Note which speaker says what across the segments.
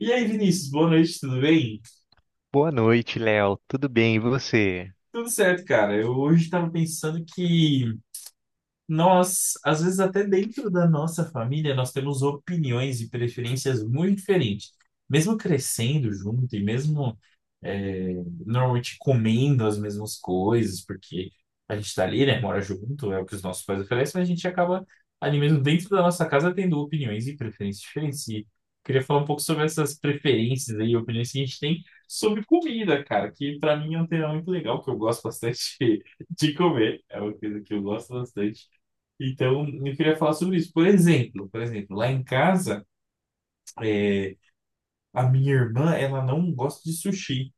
Speaker 1: E aí, Vinícius, boa noite, tudo bem?
Speaker 2: Boa noite, Léo. Tudo bem, e você?
Speaker 1: Tudo certo, cara. Eu hoje estava pensando que nós, às vezes, até dentro da nossa família, nós temos opiniões e preferências muito diferentes. Mesmo crescendo junto e mesmo é, normalmente comendo as mesmas coisas, porque a gente está ali, né, mora junto, é o que os nossos pais oferecem, mas a gente acaba ali mesmo dentro da nossa casa tendo opiniões e preferências diferentes. E queria falar um pouco sobre essas preferências aí, opiniões que a gente tem sobre comida, cara, que para mim é um tema muito legal, que eu gosto bastante de comer. É uma coisa que eu gosto bastante. Então, eu queria falar sobre isso. Por exemplo, lá em casa, é, a minha irmã, ela não gosta de sushi.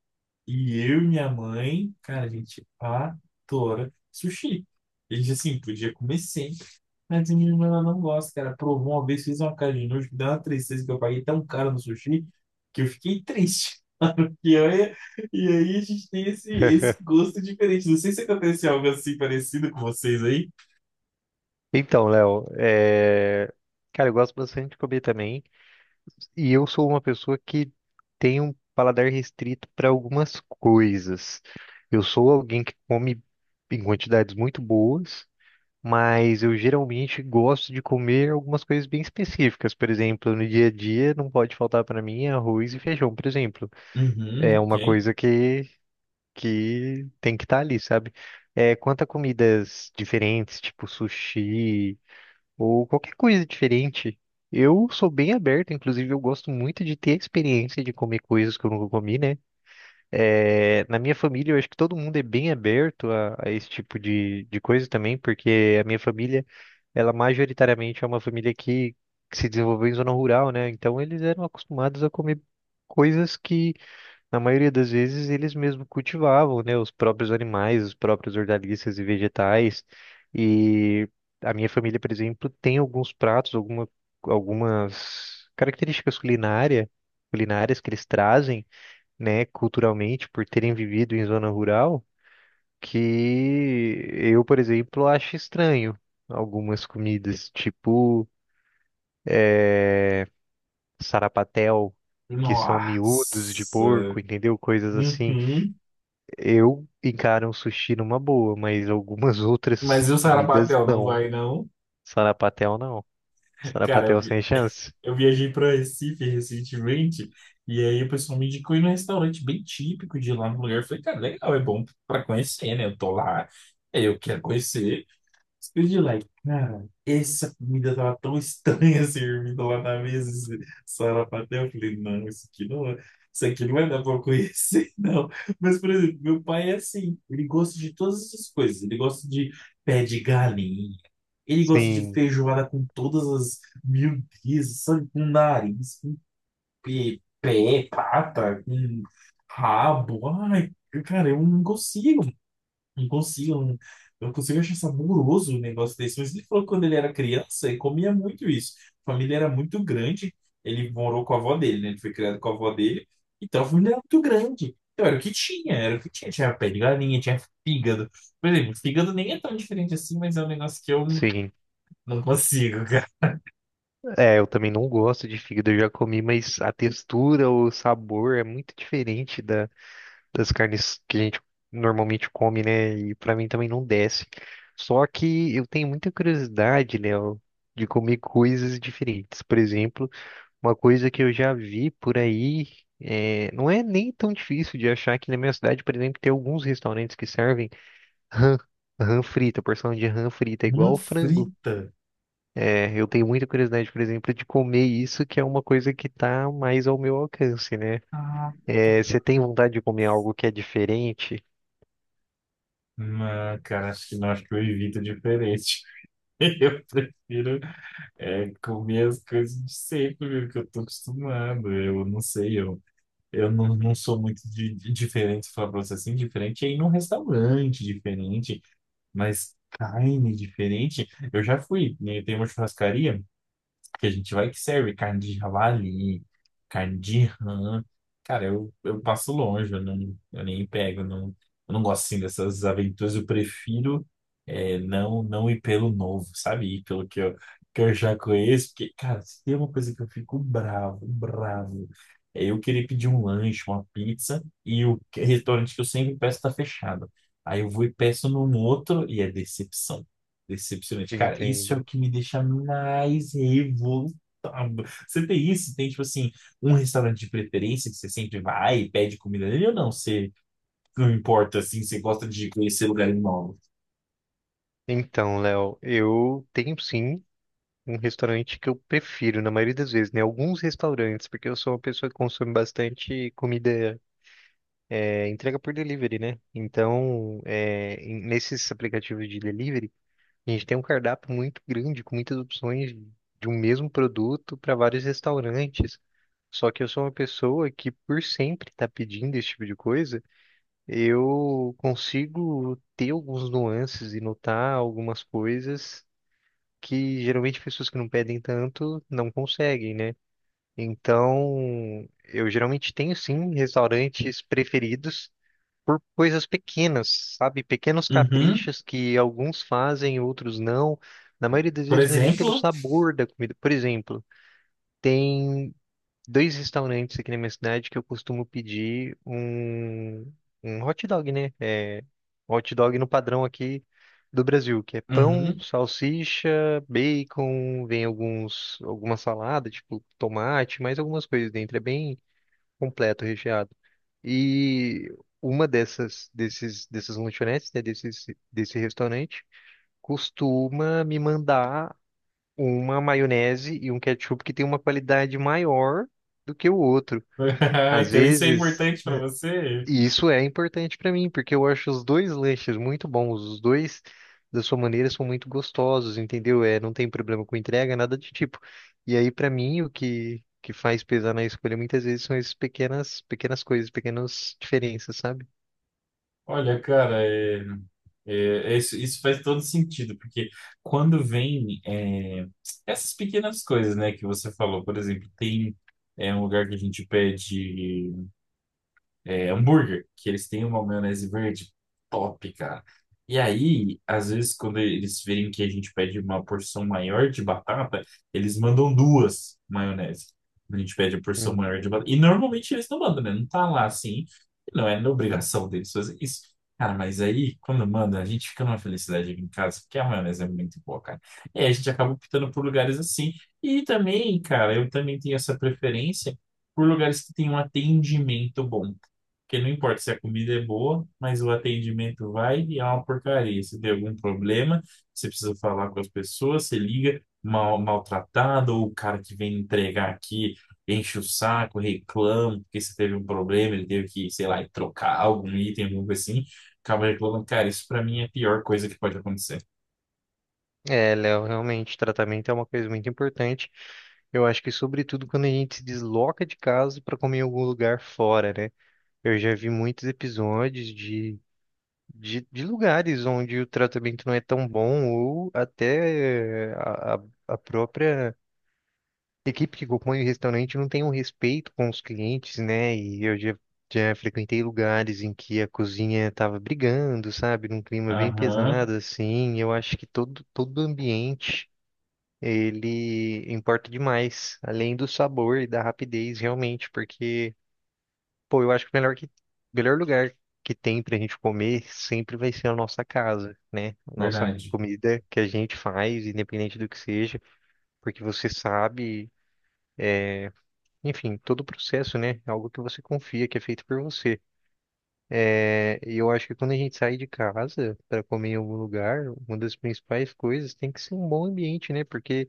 Speaker 1: E eu e minha mãe, cara, a gente adora sushi. A gente, assim, podia comer sempre. Mas a minha irmã, ela não gosta, cara. Provou uma vez, fez uma cara de nojo, que deu uma tristeza que eu paguei tão caro no sushi que eu fiquei triste. E, olha, e aí a gente tem esse gosto diferente. Não sei se acontece algo assim parecido com vocês aí.
Speaker 2: Então, Léo, cara, eu gosto bastante de comer também. E eu sou uma pessoa que tem um paladar restrito para algumas coisas. Eu sou alguém que come em quantidades muito boas, mas eu geralmente gosto de comer algumas coisas bem específicas. Por exemplo, no dia a dia não pode faltar para mim arroz e feijão, por exemplo. É
Speaker 1: Uhum, ok.
Speaker 2: uma coisa que tem que estar ali, sabe? Quanto a comidas diferentes, tipo sushi ou qualquer coisa diferente, eu sou bem aberto, inclusive eu gosto muito de ter a experiência de comer coisas que eu nunca comi, né? Na minha família, eu acho que todo mundo é bem aberto a esse tipo de coisa também, porque a minha família ela majoritariamente é uma família que se desenvolveu em zona rural, né? Então eles eram acostumados a comer coisas que na maioria das vezes eles mesmo cultivavam, né, os próprios animais, os próprios hortaliças e vegetais. E a minha família, por exemplo, tem alguns pratos, algumas culinárias que eles trazem, né, culturalmente, por terem vivido em zona rural, que eu, por exemplo, acho estranho algumas comidas, tipo sarapatel, que são miúdos de
Speaker 1: Nossa.
Speaker 2: porco, entendeu? Coisas assim.
Speaker 1: Uhum.
Speaker 2: Eu encaro um sushi numa boa, mas algumas outras
Speaker 1: Mas e o
Speaker 2: comidas
Speaker 1: Sarapatel não
Speaker 2: não.
Speaker 1: vai, não?
Speaker 2: Sarapatel não.
Speaker 1: Cara, eu,
Speaker 2: Sarapatel sem chance.
Speaker 1: eu viajei para Recife recentemente e aí o pessoal me indicou ir num restaurante bem típico de lá no lugar. Eu falei, cara, legal, é bom para conhecer, né? Eu tô lá, eu quero conhecer. Speed like, cara, essa comida tava tão estranha servida lá na mesa, esse sarapatel. Eu falei, não, isso aqui não, isso aqui não vai dar pra eu conhecer, não. Mas, por exemplo, meu pai é assim, ele gosta de todas essas coisas. Ele gosta de pé de galinha, ele gosta de
Speaker 2: Sim,
Speaker 1: feijoada com todas as miudezas, sabe? Com nariz, com pé, pata, com rabo. Ai, cara, eu não consigo. Não consigo, não consigo achar saboroso o negócio desse. Mas ele falou que quando ele era criança, ele comia muito isso. A família era muito grande. Ele morou com a avó dele, né? Ele foi criado com a avó dele. Então a família era muito grande. Então era o que tinha, era o que tinha. Tinha pé de galinha, tinha fígado. Por exemplo, fígado nem é tão diferente assim, mas é um negócio que eu não
Speaker 2: sim.
Speaker 1: não consigo, cara.
Speaker 2: É, eu também não gosto de fígado, eu já comi, mas a textura, o sabor é muito diferente das carnes que a gente normalmente come, né? E pra mim também não desce. Só que eu tenho muita curiosidade, Léo, de comer coisas diferentes. Por exemplo, uma coisa que eu já vi por aí, não é nem tão difícil de achar que na minha cidade, por exemplo, tem alguns restaurantes que servem rã, rã frita, porção de rã frita,
Speaker 1: Não
Speaker 2: igual frango.
Speaker 1: frita.
Speaker 2: Eu tenho muita curiosidade, por exemplo, de comer isso, que é uma coisa que tá mais ao meu alcance, né?
Speaker 1: Ah,
Speaker 2: É, você tem vontade de comer algo que é diferente?
Speaker 1: não, cara, acho que não, acho que eu evito diferente. Eu prefiro. É comer as coisas de sempre, que eu tô acostumado. Eu não sei, eu não, não sou muito de diferente, se falar pra você assim, diferente é ir num restaurante diferente, mas carne diferente. Eu já fui, né, tem uma churrascaria que a gente vai que serve carne de javali, carne de rã. Cara, eu passo longe, eu, não, eu nem pego, eu não gosto assim dessas aventuras, eu prefiro não, não ir pelo novo, sabe? Ir pelo que eu já conheço, porque, cara, se tem uma coisa que eu fico bravo, bravo. Eu querer pedir um lanche, uma pizza, e restaurante que eu sempre peço tá fechado. Aí eu vou e peço num outro e é decepção. Decepcionante. Cara, isso é
Speaker 2: Entendo.
Speaker 1: o que me deixa mais revoltado. Você tem isso? Tem, tipo assim, um restaurante de preferência que você sempre vai e pede comida nele ou não? Você não importa, assim, você gosta de conhecer lugares novos?
Speaker 2: Então, Léo, eu tenho sim um restaurante que eu prefiro, na maioria das vezes, né? Alguns restaurantes, porque eu sou uma pessoa que consome bastante comida entrega por delivery, né? Então, nesses aplicativos de delivery, a gente tem um cardápio muito grande, com muitas opções de um mesmo produto para vários restaurantes. Só que eu sou uma pessoa que, por sempre estar pedindo esse tipo de coisa, eu consigo ter alguns nuances e notar algumas coisas que geralmente pessoas que não pedem tanto não conseguem, né? Então, eu geralmente tenho sim restaurantes preferidos por coisas pequenas, sabe? Pequenos
Speaker 1: Uhum.
Speaker 2: caprichos que alguns fazem, outros não. Na maioria das
Speaker 1: Por
Speaker 2: vezes não é nem pelo
Speaker 1: exemplo?
Speaker 2: sabor da comida. Por exemplo, tem dois restaurantes aqui na minha cidade que eu costumo pedir um hot dog, né? Hot dog no padrão aqui do Brasil, que é pão,
Speaker 1: Uhum.
Speaker 2: salsicha, bacon, vem alguns, alguma salada, tipo tomate, mais algumas coisas dentro. É bem completo, recheado. E uma dessas lanchonetes, né, desse restaurante, costuma me mandar uma maionese e um ketchup que tem uma qualidade maior do que o outro. Às
Speaker 1: Então isso é
Speaker 2: vezes
Speaker 1: importante pra você?
Speaker 2: e isso é importante pra mim, porque eu acho os dois lanches muito bons, os dois da sua maneira são muito gostosos, entendeu? É, não tem problema com entrega, nada de tipo. E aí pra mim o que que faz pesar na escolha muitas vezes são essas pequenas coisas, pequenas diferenças, sabe?
Speaker 1: Olha, cara, é... É, é isso, isso faz todo sentido, porque quando vem essas pequenas coisas, né, que você falou, por exemplo, tem um lugar que a gente pede hambúrguer, que eles têm uma maionese verde top, cara. E aí, às vezes, quando eles verem que a gente pede uma porção maior de batata, eles mandam duas maionese. A gente pede a porção maior de
Speaker 2: Uhum.
Speaker 1: batata. E normalmente eles não mandam, né? Não tá lá assim. Não é na obrigação deles fazer isso. Cara, mas aí, quando manda, a gente fica numa felicidade aqui em casa, porque a maionese é muito boa, cara. E aí a gente acaba optando por lugares assim. E também, cara, eu também tenho essa preferência por lugares que têm um atendimento bom. Porque não importa se a comida é boa, mas o atendimento vai e é uma porcaria. Se tem algum problema, você precisa falar com as pessoas, você liga mal, maltratado, ou o cara que vem entregar aqui enche o saco, reclama, porque você teve um problema, ele teve que, sei lá, trocar algum item, alguma coisa assim, acaba reclamando. Cara, isso pra mim é a pior coisa que pode acontecer.
Speaker 2: É, Léo, realmente tratamento é uma coisa muito importante. Eu acho que sobretudo quando a gente se desloca de casa para comer em algum lugar fora, né? Eu já vi muitos episódios de lugares onde o tratamento não é tão bom ou até a a própria equipe que compõe o restaurante não tem um respeito com os clientes, né? E eu já frequentei lugares em que a cozinha estava brigando, sabe? Num clima bem
Speaker 1: Aham,
Speaker 2: pesado, assim. Eu acho que todo ambiente... Ele importa demais, além do sabor e da rapidez, realmente, porque pô, eu acho que o melhor lugar que tem pra gente comer sempre vai ser a nossa casa, né? A nossa
Speaker 1: verdade.
Speaker 2: comida que a gente faz, independente do que seja, porque você sabe, enfim, todo o processo, né? É algo que você confia, que é feito por você. É, e eu acho que quando a gente sai de casa para comer em algum lugar, uma das principais coisas tem que ser um bom ambiente, né? Porque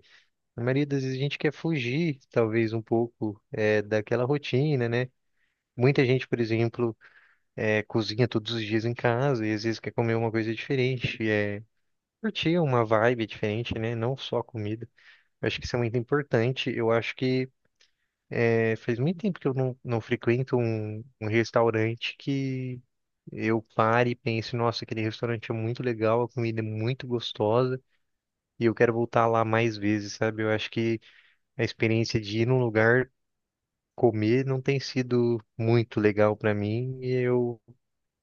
Speaker 2: na maioria das vezes a gente quer fugir, talvez, um pouco, é, daquela rotina, né? Muita gente, por exemplo, cozinha todos os dias em casa e às vezes quer comer uma coisa diferente, é curtir uma vibe diferente, né? Não só a comida. Eu acho que isso é muito importante. Eu acho que é, faz muito tempo que eu não frequento um restaurante que eu pare e pense, nossa, aquele restaurante é muito legal, a comida é muito gostosa e eu quero voltar lá mais vezes, sabe? Eu acho que a experiência de ir num lugar comer não tem sido muito legal para mim e eu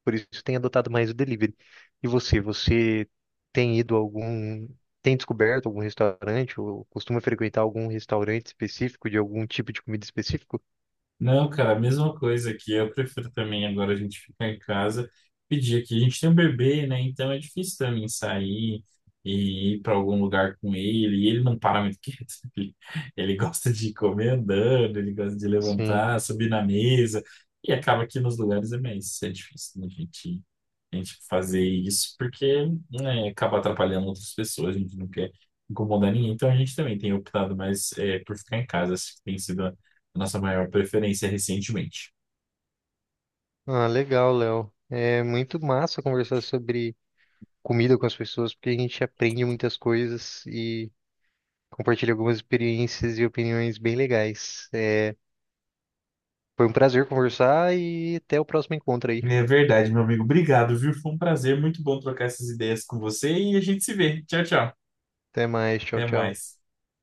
Speaker 2: por isso tem adotado mais o delivery. E você, você tem ido a algum, tem descoberto algum restaurante ou costuma frequentar algum restaurante específico de algum tipo de comida específico?
Speaker 1: Não, cara, a mesma coisa aqui. Eu prefiro também agora a gente ficar em casa, pedir aqui. A gente tem um bebê, né? Então é difícil também sair e ir para algum lugar com ele. E ele não para muito quieto. Ele, ele gosta de comer andando, ele gosta de
Speaker 2: Sim.
Speaker 1: levantar, subir na mesa. E acaba que nos lugares é mais é difícil né, a gente fazer isso, porque né, acaba atrapalhando outras pessoas. A gente não quer incomodar ninguém. Então a gente também tem optado mais por ficar em casa. Acho que tem sido a nossa maior preferência recentemente.
Speaker 2: Ah, legal, Léo. É muito massa conversar sobre comida com as pessoas, porque a gente aprende muitas coisas e compartilha algumas experiências e opiniões bem legais. É, foi um prazer conversar e até o próximo encontro aí.
Speaker 1: É verdade, meu amigo. Obrigado, viu? Foi um prazer, muito bom trocar essas ideias com você e a gente se vê. Tchau, tchau.
Speaker 2: Até mais, tchau,
Speaker 1: Até
Speaker 2: tchau.
Speaker 1: mais.